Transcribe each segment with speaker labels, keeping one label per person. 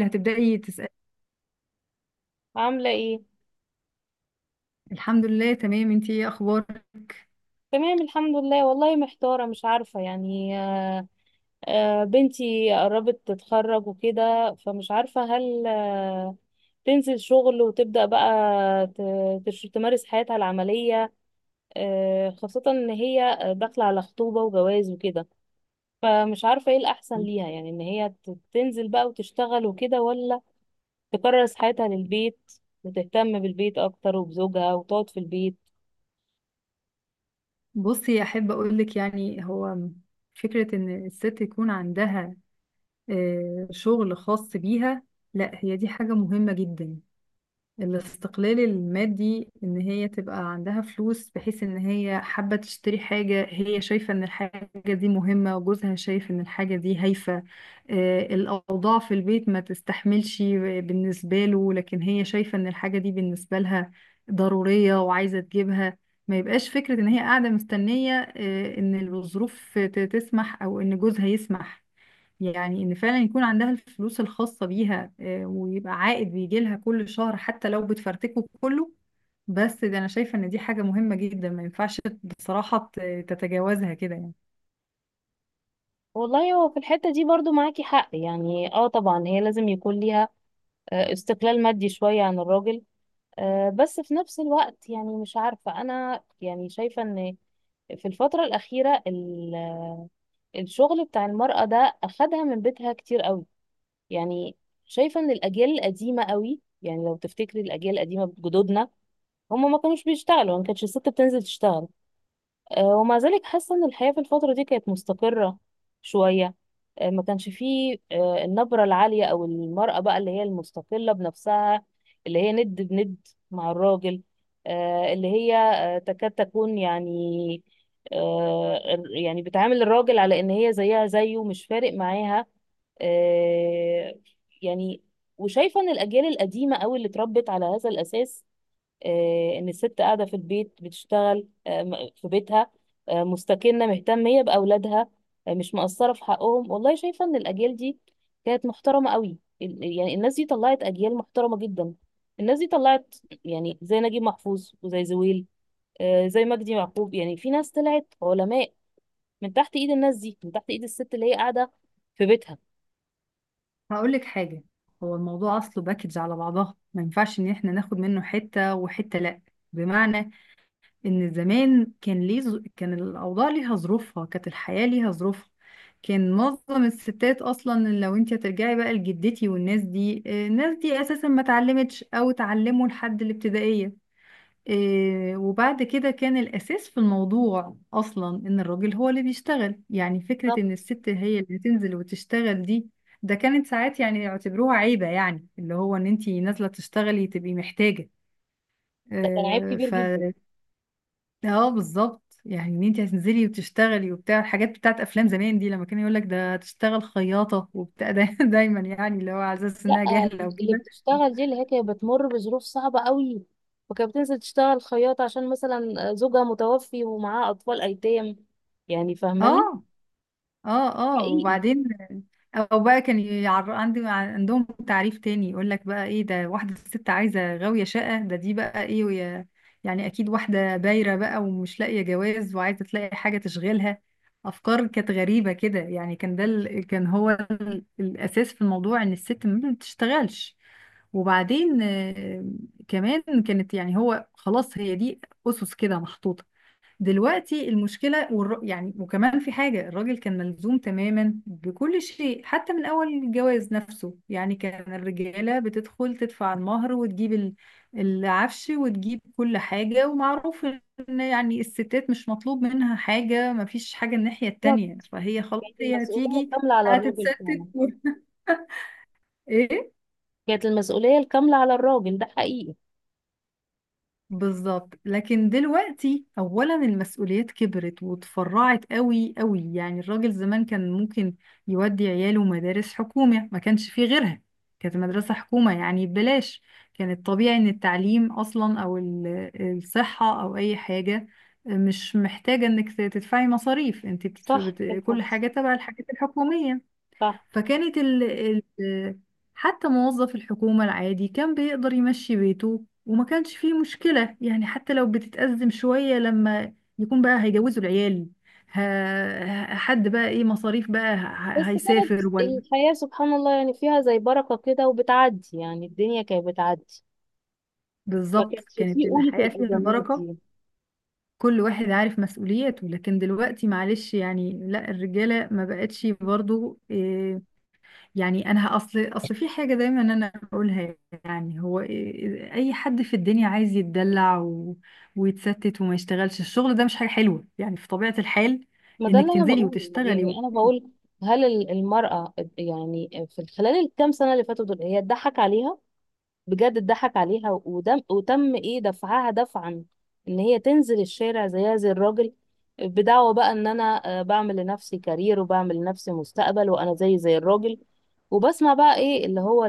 Speaker 1: اللي هتبدأي تسألي.
Speaker 2: عاملة ايه؟
Speaker 1: الحمد لله تمام، انتي ايه اخبارك؟
Speaker 2: تمام، الحمد لله. والله محتارة، مش عارفة، يعني بنتي قربت تتخرج وكده، فمش عارفة هل تنزل شغل وتبدأ بقى تمارس حياتها العملية. خاصة ان هي داخلة على خطوبة وجواز وكده، فمش عارفة ايه الأحسن ليها، يعني ان هي تنزل بقى وتشتغل وكده، ولا تكرس حياتها للبيت وتهتم بالبيت أكتر وبزوجها وتقعد في البيت.
Speaker 1: بصي احب اقولك، يعني هو فكرة ان الست يكون عندها شغل خاص بيها، لا هي دي حاجة مهمة جدا. الاستقلال المادي ان هي تبقى عندها فلوس، بحيث ان هي حابة تشتري حاجة هي شايفة ان الحاجة دي مهمة، وجوزها شايف ان الحاجة دي هايفة. الاوضاع في البيت ما تستحملش بالنسبة له، لكن هي شايفة ان الحاجة دي بالنسبة لها ضرورية وعايزة تجيبها. ما يبقاش فكرة ان هي قاعدة مستنية ان الظروف تسمح او ان جوزها يسمح. يعني ان فعلا يكون عندها الفلوس الخاصة بيها، ويبقى عائد بيجي لها كل شهر، حتى لو بتفرتكه كله. بس ده انا شايفة ان دي حاجة مهمة جدا، ما ينفعش بصراحة تتجاوزها كده يعني.
Speaker 2: والله، هو في الحتة دي برضو معاكي حق، يعني اه طبعا هي لازم يكون ليها استقلال مادي شوية عن الراجل. بس في نفس الوقت يعني مش عارفة، أنا يعني شايفة إن في الفترة الأخيرة الشغل بتاع المرأة ده أخدها من بيتها كتير قوي. يعني شايفة إن الأجيال القديمة قوي، يعني لو تفتكري الأجيال القديمة، جدودنا هم ما كانوش بيشتغلوا، ما كانتش الست بتنزل تشتغل. ومع ذلك حاسة ان الحياة في الفترة دي كانت مستقرة شوية. ما كانش فيه النبرة العالية او المرأة بقى اللي هي المستقلة بنفسها، اللي هي ند بند مع الراجل، اللي هي تكاد تكون يعني آه، يعني بتعامل الراجل على ان هي زيها زيه، مش فارق معاها. آه، يعني وشايفة ان الاجيال القديمة قوي اللي اتربت على هذا الاساس، ان الست قاعده في البيت بتشتغل في بيتها، مستكنه مهتميه باولادها، مش مقصره في حقهم. والله شايفه ان الاجيال دي كانت محترمه قوي، يعني الناس دي طلعت اجيال محترمه جدا. الناس دي طلعت يعني زي نجيب محفوظ وزي زويل، زي مجدي يعقوب، يعني في ناس طلعت علماء من تحت ايد الناس دي، من تحت ايد الست اللي هي قاعده في بيتها.
Speaker 1: هقول لك حاجة، هو الموضوع اصله باكج على بعضها، ما ينفعش ان احنا ناخد منه حتة وحتة، لا. بمعنى ان زمان كان ليه كان الاوضاع ليها ظروفها، كانت الحياه ليها ظروفها. كان معظم الستات اصلا، لو انت هترجعي بقى لجدتي والناس دي، الناس دي اساسا ما اتعلمتش او اتعلموا لحد الابتدائيه. وبعد كده كان الاساس في الموضوع اصلا ان الراجل هو اللي بيشتغل، يعني فكره ان
Speaker 2: بالظبط،
Speaker 1: الست هي اللي تنزل وتشتغل دي، ده كانت ساعات يعني يعتبروها عيبه، يعني اللي هو ان انت نازله تشتغلي تبقي
Speaker 2: ده كان عيب كبير جدا.
Speaker 1: محتاجه. اه بالظبط، يعني ان انت هتنزلي وتشتغلي وبتاع. الحاجات بتاعت افلام زمان دي، لما كان يقول لك ده تشتغل خياطه وبتاع ده دايما، يعني اللي هو على اساس
Speaker 2: لا،
Speaker 1: انها جاهله
Speaker 2: اللي
Speaker 1: وكده.
Speaker 2: بتشتغل دي اللي هي كانت بتمر بظروف صعبة قوي، وكانت بتنزل تشتغل خياطة عشان مثلا زوجها متوفي ومعاه أطفال أيتام. يعني فاهماني.
Speaker 1: اه، اه، اه.
Speaker 2: حقيقي.
Speaker 1: وبعدين او بقى كان يعر... عندي عندهم تعريف تاني، يقول لك بقى ايه ده، واحده ست عايزه غاويه شقه، ده دي بقى ايه ويا... يعني اكيد واحده بايره بقى ومش لاقيه جواز وعايزه تلاقي حاجه تشغلها. افكار كانت غريبه كده يعني. كان ده كان هو الاساس في الموضوع ان الست ما بتشتغلش. وبعدين كمان كانت، يعني هو خلاص هي دي اسس كده محطوطه. دلوقتي المشكلة، والر... يعني وكمان في حاجة، الراجل كان ملزوم تماما بكل شيء حتى من أول الجواز نفسه، يعني كان الرجالة بتدخل تدفع المهر وتجيب العفش وتجيب كل حاجة. ومعروف إن يعني الستات مش مطلوب منها حاجة، مفيش حاجة الناحية
Speaker 2: بالظبط.
Speaker 1: التانية، فهي خلاص
Speaker 2: كانت
Speaker 1: هي
Speaker 2: المسؤولية
Speaker 1: هتيجي
Speaker 2: الكاملة على الراجل فعلا.
Speaker 1: هتتستت و... إيه؟
Speaker 2: كانت المسؤولية الكاملة على الراجل، ده حقيقي.
Speaker 1: بالظبط. لكن دلوقتي اولا المسؤوليات كبرت وتفرعت قوي قوي، يعني الراجل زمان كان ممكن يودي عياله مدارس حكومة، ما كانش فيه غيرها، كانت مدرسة حكومة يعني ببلاش. كان الطبيعي ان التعليم اصلا او الصحة او اي حاجة مش محتاجة انك تدفعي مصاريف، انت بتدف...
Speaker 2: صح
Speaker 1: بت...
Speaker 2: بالفعل.
Speaker 1: كل حاجة تبع الحاجات الحكومية.
Speaker 2: صح.
Speaker 1: فكانت ال... حتى موظف الحكومة العادي كان بيقدر يمشي بيته، وما كانش فيه مشكلة يعني، حتى لو بتتأزم شوية لما يكون بقى هيجوزوا العيال، ه... حد بقى ايه مصاريف بقى ه...
Speaker 2: بس كانت
Speaker 1: هيسافر ولا.
Speaker 2: الحياة سبحان الله يعني فيها زي بركة كده وبتعدي، يعني الدنيا كانت بتعدي. ما
Speaker 1: بالظبط،
Speaker 2: كانش
Speaker 1: كانت
Speaker 2: فيه قولة
Speaker 1: الحياة فيها
Speaker 2: الأزمات
Speaker 1: البركة.
Speaker 2: دي.
Speaker 1: كل واحد عارف مسؤولياته. لكن دلوقتي معلش يعني، لا الرجالة ما بقتش برضو. يعني انا اصل في حاجه دايما انا اقولها، يعني هو إيه- إيه، اي حد في الدنيا عايز يتدلع و... ويتستت وما يشتغلش، الشغل ده مش حاجه حلوه يعني في طبيعه الحال،
Speaker 2: ما ده اللي
Speaker 1: انك
Speaker 2: انا
Speaker 1: تنزلي
Speaker 2: بقوله،
Speaker 1: وتشتغلي و...
Speaker 2: يعني انا بقول هل المرأة يعني في خلال الكام سنة اللي فاتوا دول هي اتضحك عليها؟ بجد اتضحك عليها، ودم وتم ايه، دفعها دفعا ان هي تنزل الشارع زيها زي الراجل، بدعوة بقى ان انا بعمل لنفسي كارير وبعمل لنفسي مستقبل، وانا زي الراجل. وبسمع بقى ايه اللي هو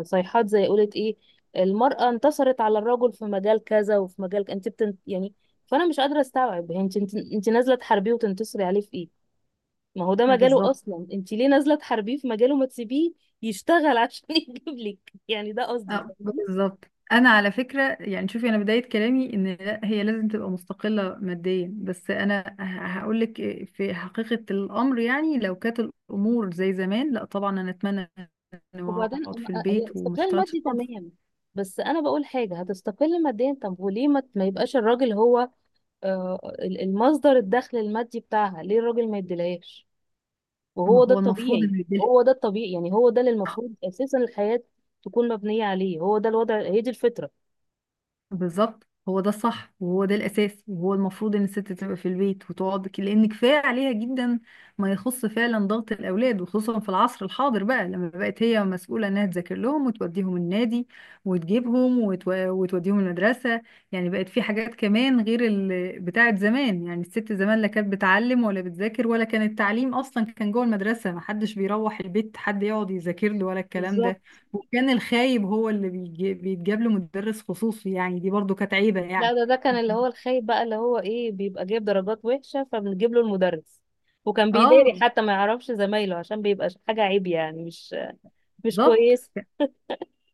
Speaker 2: الصيحات زي قولت ايه، المرأة انتصرت على الرجل في مجال كذا وفي مجال يعني فانا مش قادرة استوعب، هي انت نازلة تحاربيه وتنتصري عليه في ايه؟ ما هو ده
Speaker 1: آه
Speaker 2: مجاله
Speaker 1: بالظبط.
Speaker 2: اصلا، انت ليه نازله تحاربيه في مجاله؟ ما تسيبيه يشتغل عشان يجيب لك، يعني ده قصدي،
Speaker 1: آه
Speaker 2: فاهمة؟
Speaker 1: بالظبط. انا على فكره يعني شوفي، انا بدايه كلامي ان لا هي لازم تبقى مستقله ماديا، بس انا هقول لك في حقيقه الامر، يعني لو كانت الامور زي زمان، لا طبعا انا اتمنى اني
Speaker 2: وبعدين
Speaker 1: اقعد في
Speaker 2: هي
Speaker 1: البيت وما
Speaker 2: استقلال
Speaker 1: اشتغلش
Speaker 2: مادي
Speaker 1: خالص.
Speaker 2: تمام، بس انا بقول حاجه، هتستقل ماديا، طب وليه ما يبقاش الراجل هو المصدر الدخل المادي بتاعها؟ ليه الراجل ما يديلهاش؟ وهو
Speaker 1: ما
Speaker 2: ده
Speaker 1: هو المفروض
Speaker 2: الطبيعي.
Speaker 1: انه يديلها.
Speaker 2: هو ده الطبيعي، يعني هو ده اللي المفروض اساسا الحياه تكون مبنيه عليه، هو ده الوضع، هي دي الفطره.
Speaker 1: بالظبط، هو ده الصح وهو ده الاساس، وهو المفروض ان الست تبقى في البيت وتقعد لان كفايه عليها جدا ما يخص فعلا ضغط الاولاد، وخصوصا في العصر الحاضر بقى لما بقت هي مسؤوله انها تذاكر لهم وتوديهم النادي وتجيبهم وتو... وتوديهم المدرسه. يعني بقت في حاجات كمان غير بتاعه زمان، يعني الست زمان لا كانت بتعلم ولا بتذاكر، ولا كان التعليم اصلا، كان جوه المدرسه، ما حدش بيروح البيت حد يقعد يذاكر له ولا الكلام
Speaker 2: بالظبط.
Speaker 1: ده. وكان الخايب هو اللي بيتجاب له مدرس خصوصي، يعني دي برضو كانت عيبة
Speaker 2: لا،
Speaker 1: يعني.
Speaker 2: ده كان اللي هو الخايب بقى، اللي هو ايه، بيبقى جايب درجات وحشة فبنجيب له المدرس، وكان بيداري
Speaker 1: اه
Speaker 2: حتى ما يعرفش زمايله عشان بيبقى حاجة عيب، يعني مش
Speaker 1: بالظبط.
Speaker 2: كويس.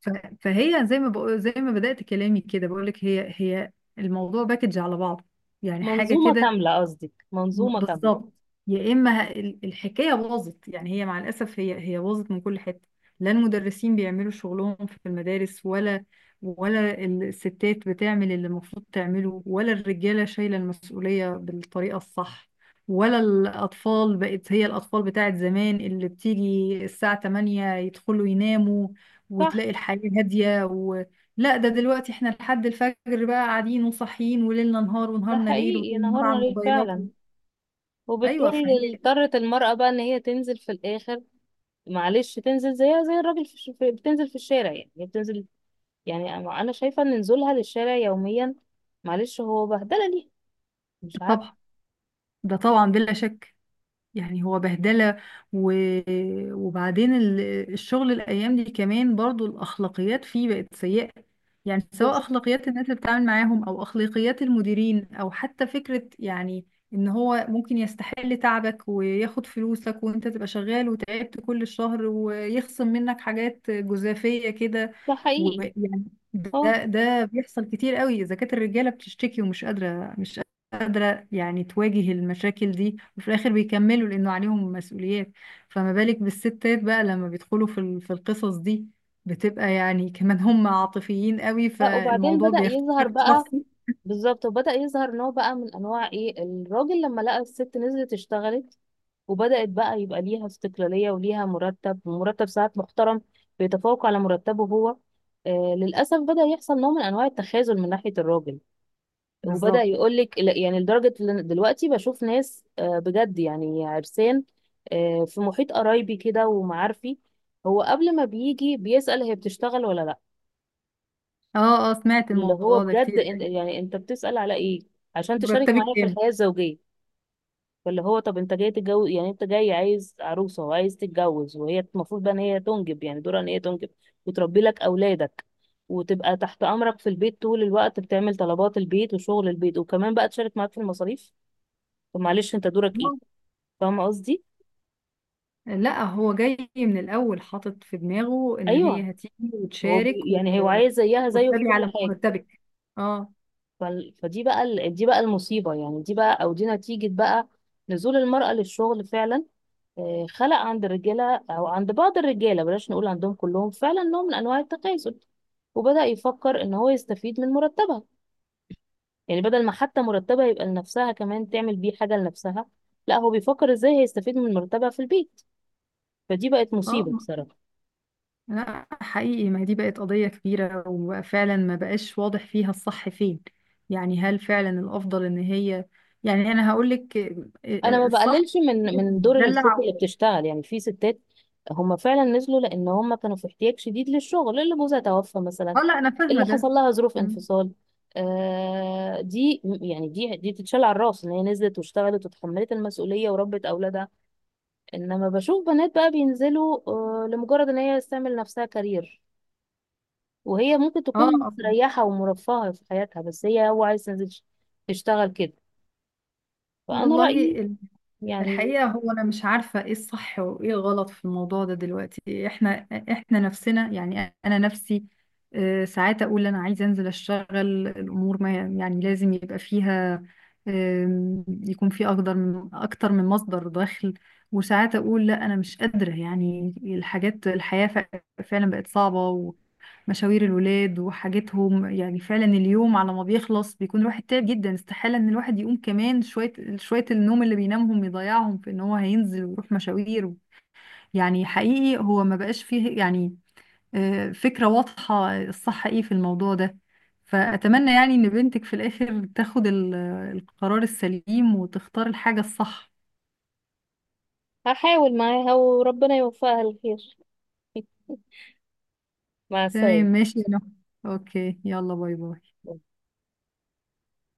Speaker 1: ف- فهي زي ما بقول، زي ما بدأت كلامي كده بقول لك، هي الموضوع باكج على بعضه، يعني حاجة
Speaker 2: منظومة
Speaker 1: كده.
Speaker 2: كاملة، قصدك منظومة كاملة.
Speaker 1: بالظبط. يا اما الحكايه باظت، يعني هي مع الاسف هي باظت من كل حته. لا المدرسين بيعملوا شغلهم في المدارس، ولا الستات بتعمل اللي المفروض تعمله، ولا الرجاله شايله المسؤوليه بالطريقه الصح، ولا الاطفال بقت الاطفال بتاعت زمان، اللي بتيجي الساعه 8 يدخلوا يناموا،
Speaker 2: صح.
Speaker 1: وتلاقي الحياه هاديه و... لا، ده دلوقتي احنا لحد الفجر بقى قاعدين وصاحيين، وليلنا نهار
Speaker 2: ده
Speaker 1: ونهارنا ليل،
Speaker 2: حقيقي،
Speaker 1: وطول النهار
Speaker 2: نهارنا
Speaker 1: على
Speaker 2: ليل
Speaker 1: الموبايلات.
Speaker 2: فعلا.
Speaker 1: ايوه
Speaker 2: وبالتالي
Speaker 1: فهي،
Speaker 2: اضطرت المرأة بقى ان هي تنزل في الاخر، معلش، تنزل زيها زي الراجل في بتنزل في الشارع، يعني هي بتنزل. يعني أنا شايفة ان نزولها للشارع يوميا معلش هو بهدلة. ليه؟ مش عارفة.
Speaker 1: طبعا، ده طبعا بلا شك، يعني هو بهدله و... وبعدين الشغل الايام دي كمان برضو الاخلاقيات فيه بقت سيئه، يعني سواء
Speaker 2: بالظبط.
Speaker 1: اخلاقيات الناس اللي بتتعامل معاهم او اخلاقيات المديرين، او حتى فكره يعني ان هو ممكن يستحل تعبك وياخد فلوسك، وانت تبقى شغال وتعبت كل الشهر ويخصم منك حاجات جزافيه كده.
Speaker 2: ده حقيقي.
Speaker 1: ويعني
Speaker 2: اه.
Speaker 1: ده ده بيحصل كتير قوي. اذا كانت الرجاله بتشتكي ومش قادره مش يعني تواجه المشاكل دي وفي الآخر بيكملوا لأنه عليهم مسؤوليات، فما بالك بالستات بقى لما بيدخلوا في في القصص دي، بتبقى يعني كمان هم عاطفيين قوي،
Speaker 2: لا وبعدين
Speaker 1: فالموضوع
Speaker 2: بدأ
Speaker 1: بياخد
Speaker 2: يظهر
Speaker 1: شكل
Speaker 2: بقى،
Speaker 1: شخصي.
Speaker 2: بالظبط، وبدأ يظهر نوع بقى من انواع ايه، الراجل لما لقى الست نزلت اشتغلت وبدأت بقى يبقى ليها استقلالية وليها مرتب، ومرتب ساعات محترم بيتفوق على مرتبه هو، للأسف بدأ يحصل نوع من انواع التخاذل من ناحية الراجل. وبدأ
Speaker 1: بالظبط.
Speaker 2: يقولك يعني لدرجة إن دلوقتي بشوف ناس بجد، يعني عرسان، في محيط قرايبي كده ومعارفي، هو قبل ما بيجي بيسأل هي بتشتغل ولا لا.
Speaker 1: اه اه، سمعت
Speaker 2: اللي هو
Speaker 1: الموضوع ده
Speaker 2: بجد
Speaker 1: كتير.
Speaker 2: يعني انت بتسأل على ايه؟ عشان تشارك
Speaker 1: مرتبك
Speaker 2: معاه في
Speaker 1: كام؟
Speaker 2: الحياة الزوجية؟ فاللي هو طب انت جاي تتجوز، يعني انت جاي عايز عروسة وعايز تتجوز، وهي المفروض بقى ان هي تنجب، يعني دورها ان هي تنجب وتربي لك اولادك، وتبقى تحت امرك في البيت طول الوقت بتعمل طلبات البيت وشغل البيت، وكمان بقى تشارك معاك في المصاريف؟ طب معلش، انت دورك ايه؟ فاهمة قصدي؟
Speaker 1: لا هو جاي من الأول حاطط في دماغه إن
Speaker 2: ايوه.
Speaker 1: هي هتيجي
Speaker 2: هو
Speaker 1: وتشارك و...
Speaker 2: يعني هو عايز زيها زيه في كل
Speaker 1: وتتابع على
Speaker 2: حاجة.
Speaker 1: مرتبك. اه
Speaker 2: فدي بقى دي بقى المصيبة، يعني دي بقى او دي نتيجة بقى نزول المرأة للشغل فعلا. خلق عند الرجالة أو عند بعض الرجالة، بلاش نقول عندهم كلهم، فعلا نوع من أنواع التكاسل، وبدأ يفكر إن هو يستفيد من مرتبها. يعني بدل ما حتى مرتبها يبقى لنفسها كمان تعمل بيه حاجة لنفسها، لا، هو بيفكر إزاي هيستفيد من مرتبها في البيت. فدي بقت
Speaker 1: اه.
Speaker 2: مصيبة بصراحة.
Speaker 1: لا حقيقي ما هي دي بقت قضية كبيرة، وفعلا ما بقاش واضح فيها الصح فين، يعني هل فعلا الأفضل إن هي، يعني أنا هقول لك
Speaker 2: انا ما
Speaker 1: الصح
Speaker 2: بقللش من دور الست اللي
Speaker 1: تدلع.
Speaker 2: بتشتغل، يعني في ستات هم فعلا نزلوا لان هم كانوا في احتياج شديد للشغل، اللي جوزها توفى مثلا،
Speaker 1: اه، لا أنا فاهمة
Speaker 2: اللي حصل
Speaker 1: ده.
Speaker 2: لها ظروف
Speaker 1: مم.
Speaker 2: انفصال، دي يعني دي تتشال على الراس ان هي نزلت واشتغلت وتحملت المسؤوليه وربت اولادها. انما بشوف بنات بقى بينزلوا لمجرد ان هي تعمل نفسها كارير، وهي ممكن
Speaker 1: اه
Speaker 2: تكون
Speaker 1: آه.
Speaker 2: مستريحه ومرفهه في حياتها، بس هي هو عايز تنزل تشتغل كده. فانا
Speaker 1: والله
Speaker 2: رايي يعني
Speaker 1: الحقيقة، هو أنا مش عارفة إيه الصح وإيه الغلط في الموضوع ده. دلوقتي إحنا نفسنا، يعني أنا نفسي ساعات أقول أنا عايزة أنزل أشتغل، الأمور ما يعني لازم يبقى فيها يكون في أقدر من أكتر من مصدر دخل. وساعات أقول لا أنا مش قادرة، يعني الحاجات، الحياة فعلا بقت صعبة. مشاوير الولاد وحاجتهم، يعني فعلا اليوم على ما بيخلص بيكون الواحد تعب جدا، استحالة ان الواحد يقوم كمان شوية، شوية النوم اللي بينامهم يضيعهم في ان هو هينزل ويروح مشاوير. يعني حقيقي هو ما بقاش فيه يعني فكرة واضحة الصح ايه في الموضوع ده. فأتمنى يعني ان بنتك في الآخر تاخد القرار السليم وتختار الحاجة الصح.
Speaker 2: هحاول معاها وربنا يوفقها الخير. مع
Speaker 1: تمام
Speaker 2: السلامة.
Speaker 1: ماشي يا نهى. اوكي، يلا باي باي.